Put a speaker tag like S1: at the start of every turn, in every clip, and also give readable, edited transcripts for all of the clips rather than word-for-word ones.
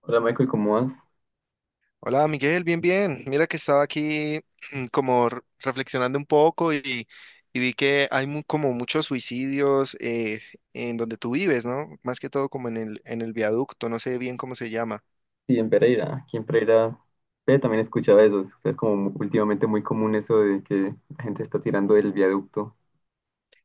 S1: Hola Michael, ¿cómo vas?
S2: Hola Miguel, bien, bien. Mira que estaba aquí como reflexionando un poco y vi que hay como muchos suicidios en donde tú vives, ¿no? Más que todo como en en el viaducto, no sé bien cómo se llama.
S1: Sí, en Pereira. Aquí en Pereira también escuchaba eso. Es como últimamente muy común eso de que la gente está tirando del viaducto.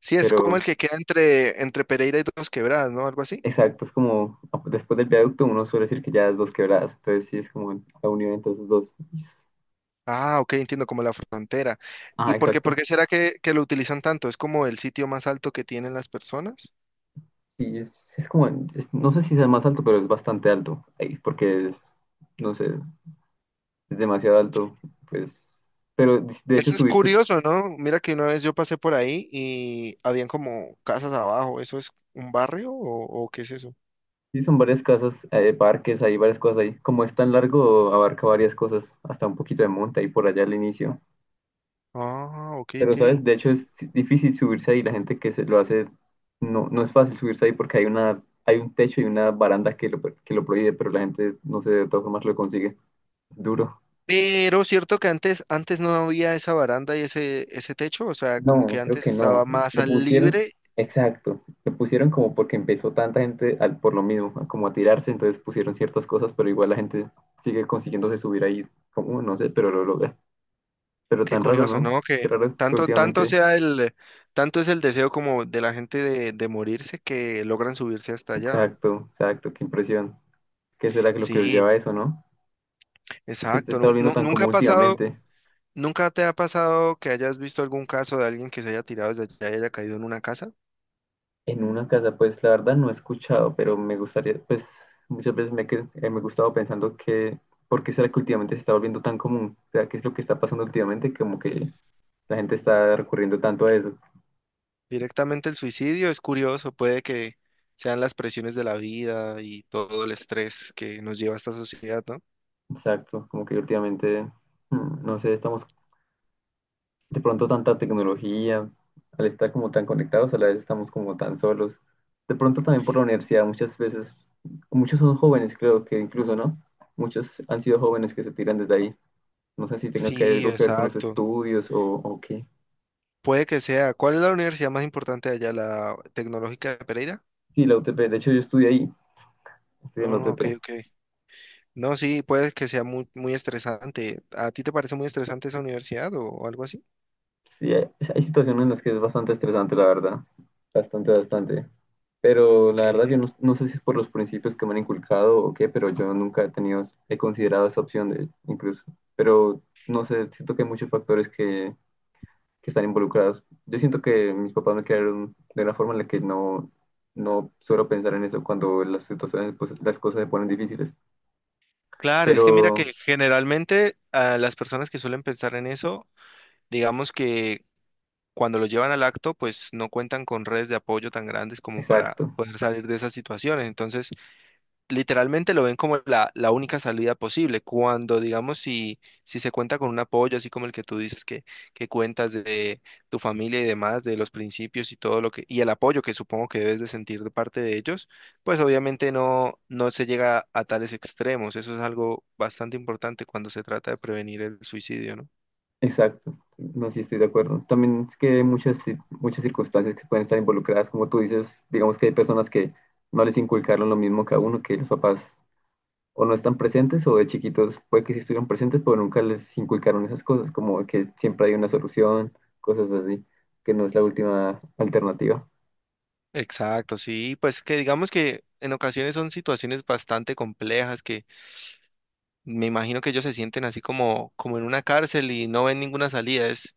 S2: Sí, es como el
S1: Pero
S2: que queda entre Pereira y Dos Quebradas, ¿no? Algo así.
S1: exacto, es como después del viaducto uno suele decir que ya es dos quebradas. Entonces sí, es como la unión entre esos dos.
S2: Ah, ok, entiendo, como la frontera. ¿Y
S1: Ah,
S2: por
S1: exacto.
S2: qué será que lo utilizan tanto? ¿Es como el sitio más alto que tienen las personas?
S1: Sí, es como, no sé si sea más alto, pero es bastante alto ahí, porque es, no sé, es demasiado alto. Pues, pero de hecho
S2: Eso es
S1: subirse.
S2: curioso, ¿no? Mira que una vez yo pasé por ahí y habían como casas abajo. ¿Eso es un barrio o qué es eso?
S1: Sí, son varias casas, parques, hay varias cosas ahí. Como es tan largo, abarca varias cosas, hasta un poquito de monta y por allá al inicio.
S2: Ah, ok,
S1: Pero, ¿sabes?
S2: ok.
S1: De hecho, es difícil subirse ahí. La gente que se lo hace, no, no es fácil subirse ahí porque hay una, hay un techo y una baranda que lo prohíbe, pero la gente, no sé, de todas formas lo consigue. Duro.
S2: Pero cierto que antes no había esa baranda y ese techo, o sea, como que
S1: No, creo
S2: antes
S1: que
S2: estaba
S1: no.
S2: más
S1: Lo
S2: al
S1: pusieron,
S2: libre.
S1: exacto. Lo pusieron como porque empezó tanta gente al, por lo mismo, a como a tirarse, entonces pusieron ciertas cosas, pero igual la gente sigue consiguiéndose subir ahí, como no sé, pero lo logra. Pero
S2: Qué
S1: tan raro,
S2: curioso,
S1: ¿no?
S2: ¿no?
S1: Qué
S2: Que
S1: raro que
S2: tanto
S1: últimamente.
S2: sea tanto es el deseo como de la gente de morirse que logran subirse hasta allá.
S1: Exacto, exacto, qué impresión. ¿Qué será que lo que los lleva
S2: Sí,
S1: a eso, no? Porque se
S2: exacto.
S1: está volviendo tan
S2: Nunca ha
S1: común
S2: pasado.
S1: últimamente.
S2: ¿Nunca te ha pasado que hayas visto algún caso de alguien que se haya tirado desde allá y haya caído en una casa?
S1: En una casa, pues la verdad no he escuchado, pero me gustaría, pues muchas veces me, me he gustado pensando que ¿por qué será que últimamente se está volviendo tan común? O sea, ¿qué es lo que está pasando últimamente? Como que la gente está recurriendo tanto a eso.
S2: Directamente el suicidio es curioso, puede que sean las presiones de la vida y todo el estrés que nos lleva a esta sociedad, ¿no?
S1: Exacto, como que últimamente, no sé, estamos de pronto tanta tecnología, al estar como tan conectados, a la vez estamos como tan solos. De pronto también por la universidad, muchas veces, muchos son jóvenes, creo que incluso, ¿no? Muchos han sido jóvenes que se tiran desde ahí. No sé si tenga que
S2: Sí,
S1: algo que ver con los
S2: exacto.
S1: estudios o qué.
S2: Puede que sea. ¿Cuál es la universidad más importante de allá? ¿La Tecnológica de Pereira?
S1: Sí, la UTP, de hecho yo estudié ahí, estudié en la
S2: Oh, ok,
S1: UTP.
S2: ok. No, sí, puede que sea muy, muy estresante. ¿A ti te parece muy estresante esa universidad o algo así?
S1: Sí, hay situaciones en las que es bastante estresante, la verdad. Bastante, bastante. Pero la
S2: Ok.
S1: verdad, yo no, no sé si es por los principios que me han inculcado o qué, pero yo nunca he tenido, he considerado esa opción de, incluso. Pero no sé, siento que hay muchos factores que están involucrados. Yo siento que mis papás me crearon de una forma en la que no, no suelo pensar en eso cuando las situaciones, pues las cosas se ponen difíciles.
S2: Claro, es que mira
S1: Pero,
S2: que generalmente las personas que suelen pensar en eso. Digamos que cuando lo llevan al acto, pues no cuentan con redes de apoyo tan grandes como para
S1: exacto.
S2: poder salir de esas situaciones. Entonces, literalmente lo ven como la única salida posible. Cuando, digamos, si se cuenta con un apoyo, así como el que tú dices que cuentas de tu familia y demás, de los principios y todo lo que, y el apoyo que supongo que debes de sentir de parte de ellos, pues obviamente no se llega a tales extremos. Eso es algo bastante importante cuando se trata de prevenir el suicidio, ¿no?
S1: Exacto, no, sí estoy de acuerdo. También es que hay muchas, muchas circunstancias que pueden estar involucradas, como tú dices, digamos que hay personas que no les inculcaron lo mismo que a uno, que los papás o no están presentes o de chiquitos puede que sí estuvieron presentes, pero nunca les inculcaron esas cosas, como que siempre hay una solución, cosas así, que no es la última alternativa.
S2: Exacto, sí, pues que digamos que en ocasiones son situaciones bastante complejas que me imagino que ellos se sienten así como, como en una cárcel y no ven ninguna salida.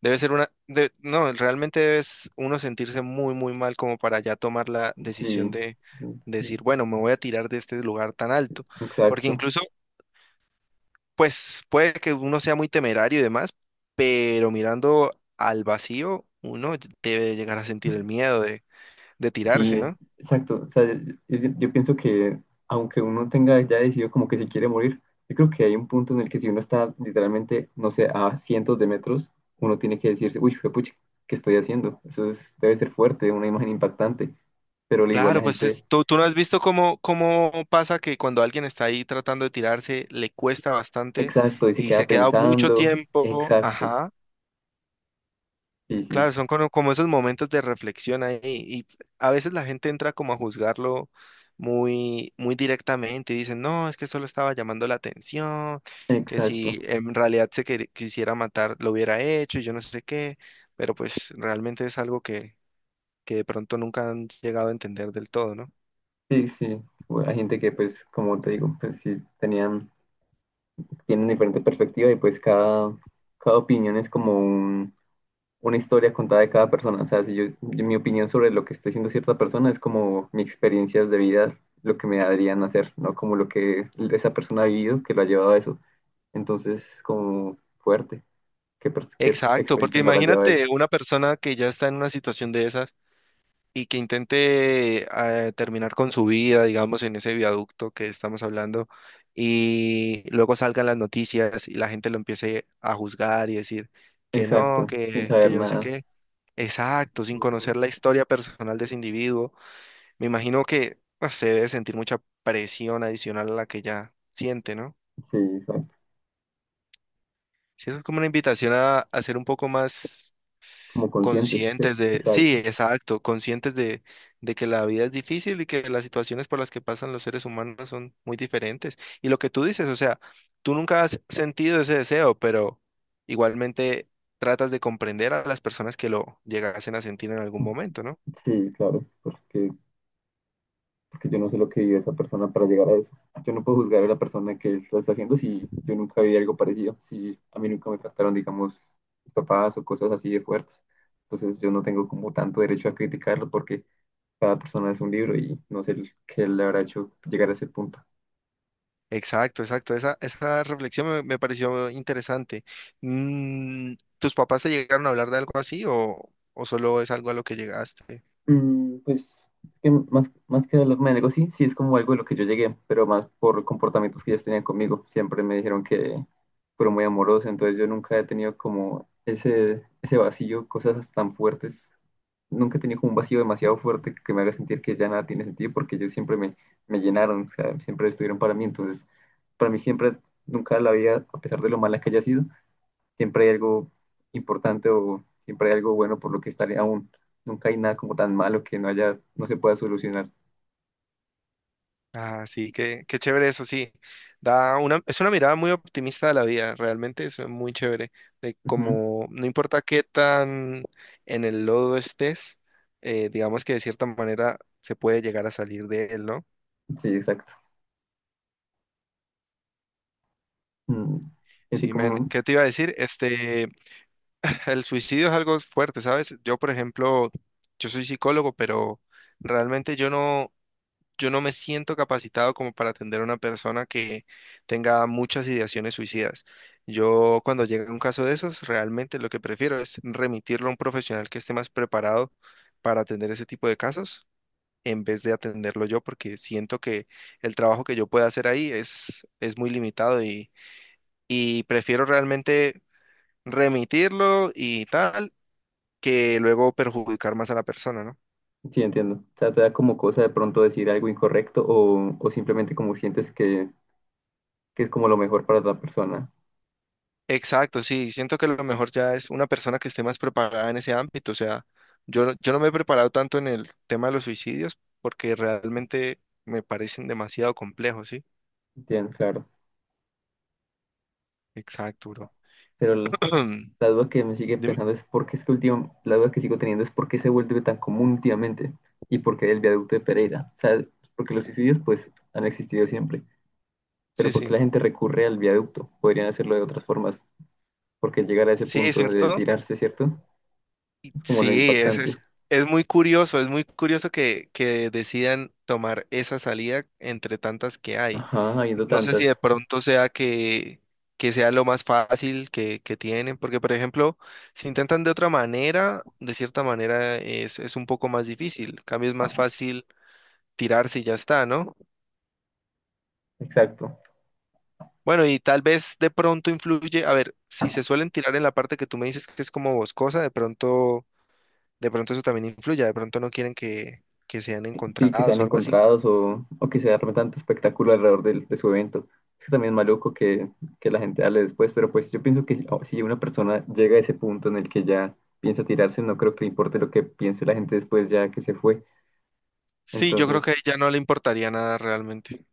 S2: Debe ser una, de- no, realmente debes uno sentirse muy, muy mal como para ya tomar la
S1: Sí,
S2: decisión de
S1: mm, mm,
S2: decir, bueno, me voy a tirar de este lugar tan alto, porque
S1: exacto.
S2: incluso, pues puede que uno sea muy temerario y demás, pero mirando al vacío, uno debe llegar a sentir el miedo de
S1: Sí,
S2: tirarse, ¿no?
S1: exacto. O sea, yo pienso que aunque uno tenga ya decidido como que se quiere morir, yo creo que hay un punto en el que si uno está literalmente, no sé, a cientos de metros, uno tiene que decirse, uy, pucha, ¿qué estoy haciendo? Debe ser fuerte, una imagen impactante. Pero al igual
S2: Claro,
S1: la gente,
S2: tú, tú no has visto cómo, cómo pasa que cuando alguien está ahí tratando de tirarse, le cuesta bastante
S1: exacto, y se
S2: y se
S1: queda
S2: queda mucho
S1: pensando,
S2: tiempo.
S1: exacto,
S2: Ajá.
S1: sí,
S2: Claro,
S1: sí,
S2: son como, como esos momentos de reflexión ahí y a veces la gente entra como a juzgarlo muy, muy directamente y dicen, no, es que solo estaba llamando la atención, que
S1: exacto,
S2: si en realidad quisiera matar, lo hubiera hecho y yo no sé qué, pero pues realmente es algo que de pronto nunca han llegado a entender del todo, ¿no?
S1: sí, sí. Bueno, hay gente que pues, como te digo, pues sí, tenían, tienen diferente perspectiva y pues cada, cada opinión es como un una historia contada de cada persona. O sea, si yo, mi opinión sobre lo que está haciendo cierta persona es como mis experiencias de vida, lo que me harían hacer, no como lo que esa persona ha vivido que lo ha llevado a eso. Entonces, como fuerte, qué
S2: Exacto, porque
S1: experiencias lo habrán llevado a eso.
S2: imagínate una persona que ya está en una situación de esas y que intente terminar con su vida, digamos, en ese viaducto que estamos hablando, y luego salgan las noticias y la gente lo empiece a juzgar y decir que no,
S1: Exacto, sin
S2: que
S1: saber
S2: yo no sé
S1: nada.
S2: qué. Exacto, sin
S1: Ujú.
S2: conocer la historia personal de ese individuo. Me imagino que se debe sentir mucha presión adicional a la que ya siente, ¿no?
S1: Sí, exacto.
S2: Sí, eso es como una invitación a ser un poco más
S1: Como conscientes,
S2: conscientes
S1: ¿cierto?
S2: de, sí,
S1: Exacto.
S2: exacto, conscientes de que la vida es difícil y que las situaciones por las que pasan los seres humanos son muy diferentes. Y lo que tú dices, o sea, tú nunca has sentido ese deseo, pero igualmente tratas de comprender a las personas que lo llegasen a sentir en algún momento, ¿no?
S1: Sí, claro, porque porque yo no sé lo que vive esa persona para llegar a eso. Yo no puedo juzgar a la persona que lo está haciendo si yo nunca vi algo parecido, si a mí nunca me trataron, digamos, papás o cosas así de fuertes. Entonces yo no tengo como tanto derecho a criticarlo porque cada persona es un libro y no sé qué le habrá hecho llegar a ese punto.
S2: Exacto, exacto. Esa reflexión me pareció interesante. Mm, ¿tus papás te llegaron a hablar de algo así o solo es algo a lo que llegaste?
S1: Mm, pues que más, más que hablarme de negocio, sí, sí es como algo de lo que yo llegué, pero más por comportamientos que ellos tenían conmigo. Siempre me dijeron que fueron muy amorosos, entonces yo nunca he tenido como ese vacío, cosas tan fuertes. Nunca he tenido como un vacío demasiado fuerte que me haga sentir que ya nada tiene sentido, porque ellos siempre me, me llenaron, o sea, siempre estuvieron para mí. Entonces, para mí siempre, nunca la vida, a pesar de lo mala que haya sido, siempre hay algo importante o siempre hay algo bueno por lo que estaré aún. Nunca hay nada como tan malo que no haya, no se pueda solucionar.
S2: Ah, sí, qué, qué chévere eso, sí. Da una, es una mirada muy optimista de la vida, realmente es muy chévere. De
S1: Ujú.
S2: como, no importa qué tan en el lodo estés, digamos que de cierta manera se puede llegar a salir de él, ¿no?
S1: Sí, exacto. Mm, ¿Y a ti
S2: Sí, men.
S1: cómo?
S2: ¿Qué te iba a decir? Este, el suicidio es algo fuerte, ¿sabes? Yo, por ejemplo, yo soy psicólogo, pero realmente yo no. Yo no me siento capacitado como para atender a una persona que tenga muchas ideaciones suicidas. Yo cuando llega un caso de esos, realmente lo que prefiero es remitirlo a un profesional que esté más preparado para atender ese tipo de casos en vez de atenderlo yo, porque siento que el trabajo que yo pueda hacer ahí es muy limitado y prefiero realmente remitirlo y tal que luego perjudicar más a la persona, ¿no?
S1: Sí, entiendo. O sea, te da como cosa de pronto decir algo incorrecto o simplemente como sientes que es como lo mejor para otra persona.
S2: Exacto, sí, siento que lo mejor ya es una persona que esté más preparada en ese ámbito, o sea, yo no me he preparado tanto en el tema de los suicidios porque realmente me parecen demasiado complejos, ¿sí?
S1: Entiendo, claro.
S2: Exacto, bro.
S1: Pero la la duda que me sigue
S2: Dime.
S1: pensando es por qué es que último, la duda que sigo teniendo es por qué se vuelve tan común últimamente y por qué el viaducto de Pereira. O sea, porque los suicidios pues han existido siempre.
S2: Sí,
S1: Pero ¿por
S2: sí.
S1: qué la gente recurre al viaducto? Podrían hacerlo de otras formas. Porque llegar a ese
S2: Sí, ¿es
S1: punto de
S2: cierto?
S1: tirarse, ¿cierto?
S2: Y
S1: Es como lo
S2: Sí, es, es,
S1: impactante.
S2: es muy curioso, es muy curioso que decidan tomar esa salida entre tantas que hay.
S1: Ajá, habiendo
S2: No sé si
S1: tantas.
S2: de pronto sea que sea lo más fácil que tienen, porque por ejemplo, si intentan de otra manera, de cierta manera es un poco más difícil. En cambio es más fácil tirarse y ya está, ¿no?
S1: Exacto.
S2: Bueno, y tal vez de pronto influye, a ver, si se suelen tirar en la parte que tú me dices que es como boscosa, de pronto eso también influye, de pronto no quieren que sean
S1: Sí, que sean
S2: encontrados o algo así.
S1: encontrados o que se arme tanto espectáculo alrededor de su evento. Es que también es maluco que la gente hable después, pero pues yo pienso que si una persona llega a ese punto en el que ya piensa tirarse, no creo que le importe lo que piense la gente después ya que se fue.
S2: Sí, yo creo
S1: Entonces,
S2: que a ella no le importaría nada realmente.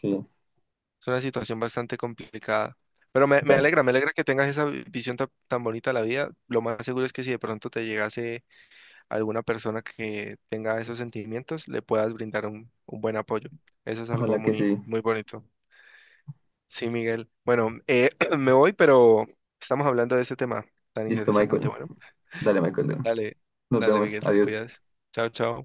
S1: sí,
S2: Es una situación bastante complicada. Pero
S1: exacto.
S2: me alegra que tengas esa visión tan, bonita de la vida. Lo más seguro es que si de pronto te llegase alguna persona que tenga esos sentimientos, le puedas brindar un buen apoyo. Eso es algo
S1: Ojalá que
S2: muy,
S1: sí.
S2: muy bonito. Sí, Miguel. Bueno, me voy, pero estamos hablando de este tema tan
S1: Listo,
S2: interesante.
S1: Michael.
S2: Bueno,
S1: Dale, Michael.
S2: dale,
S1: Nos
S2: dale,
S1: vemos.
S2: Miguel, te
S1: Adiós.
S2: cuidas. Chao, chao.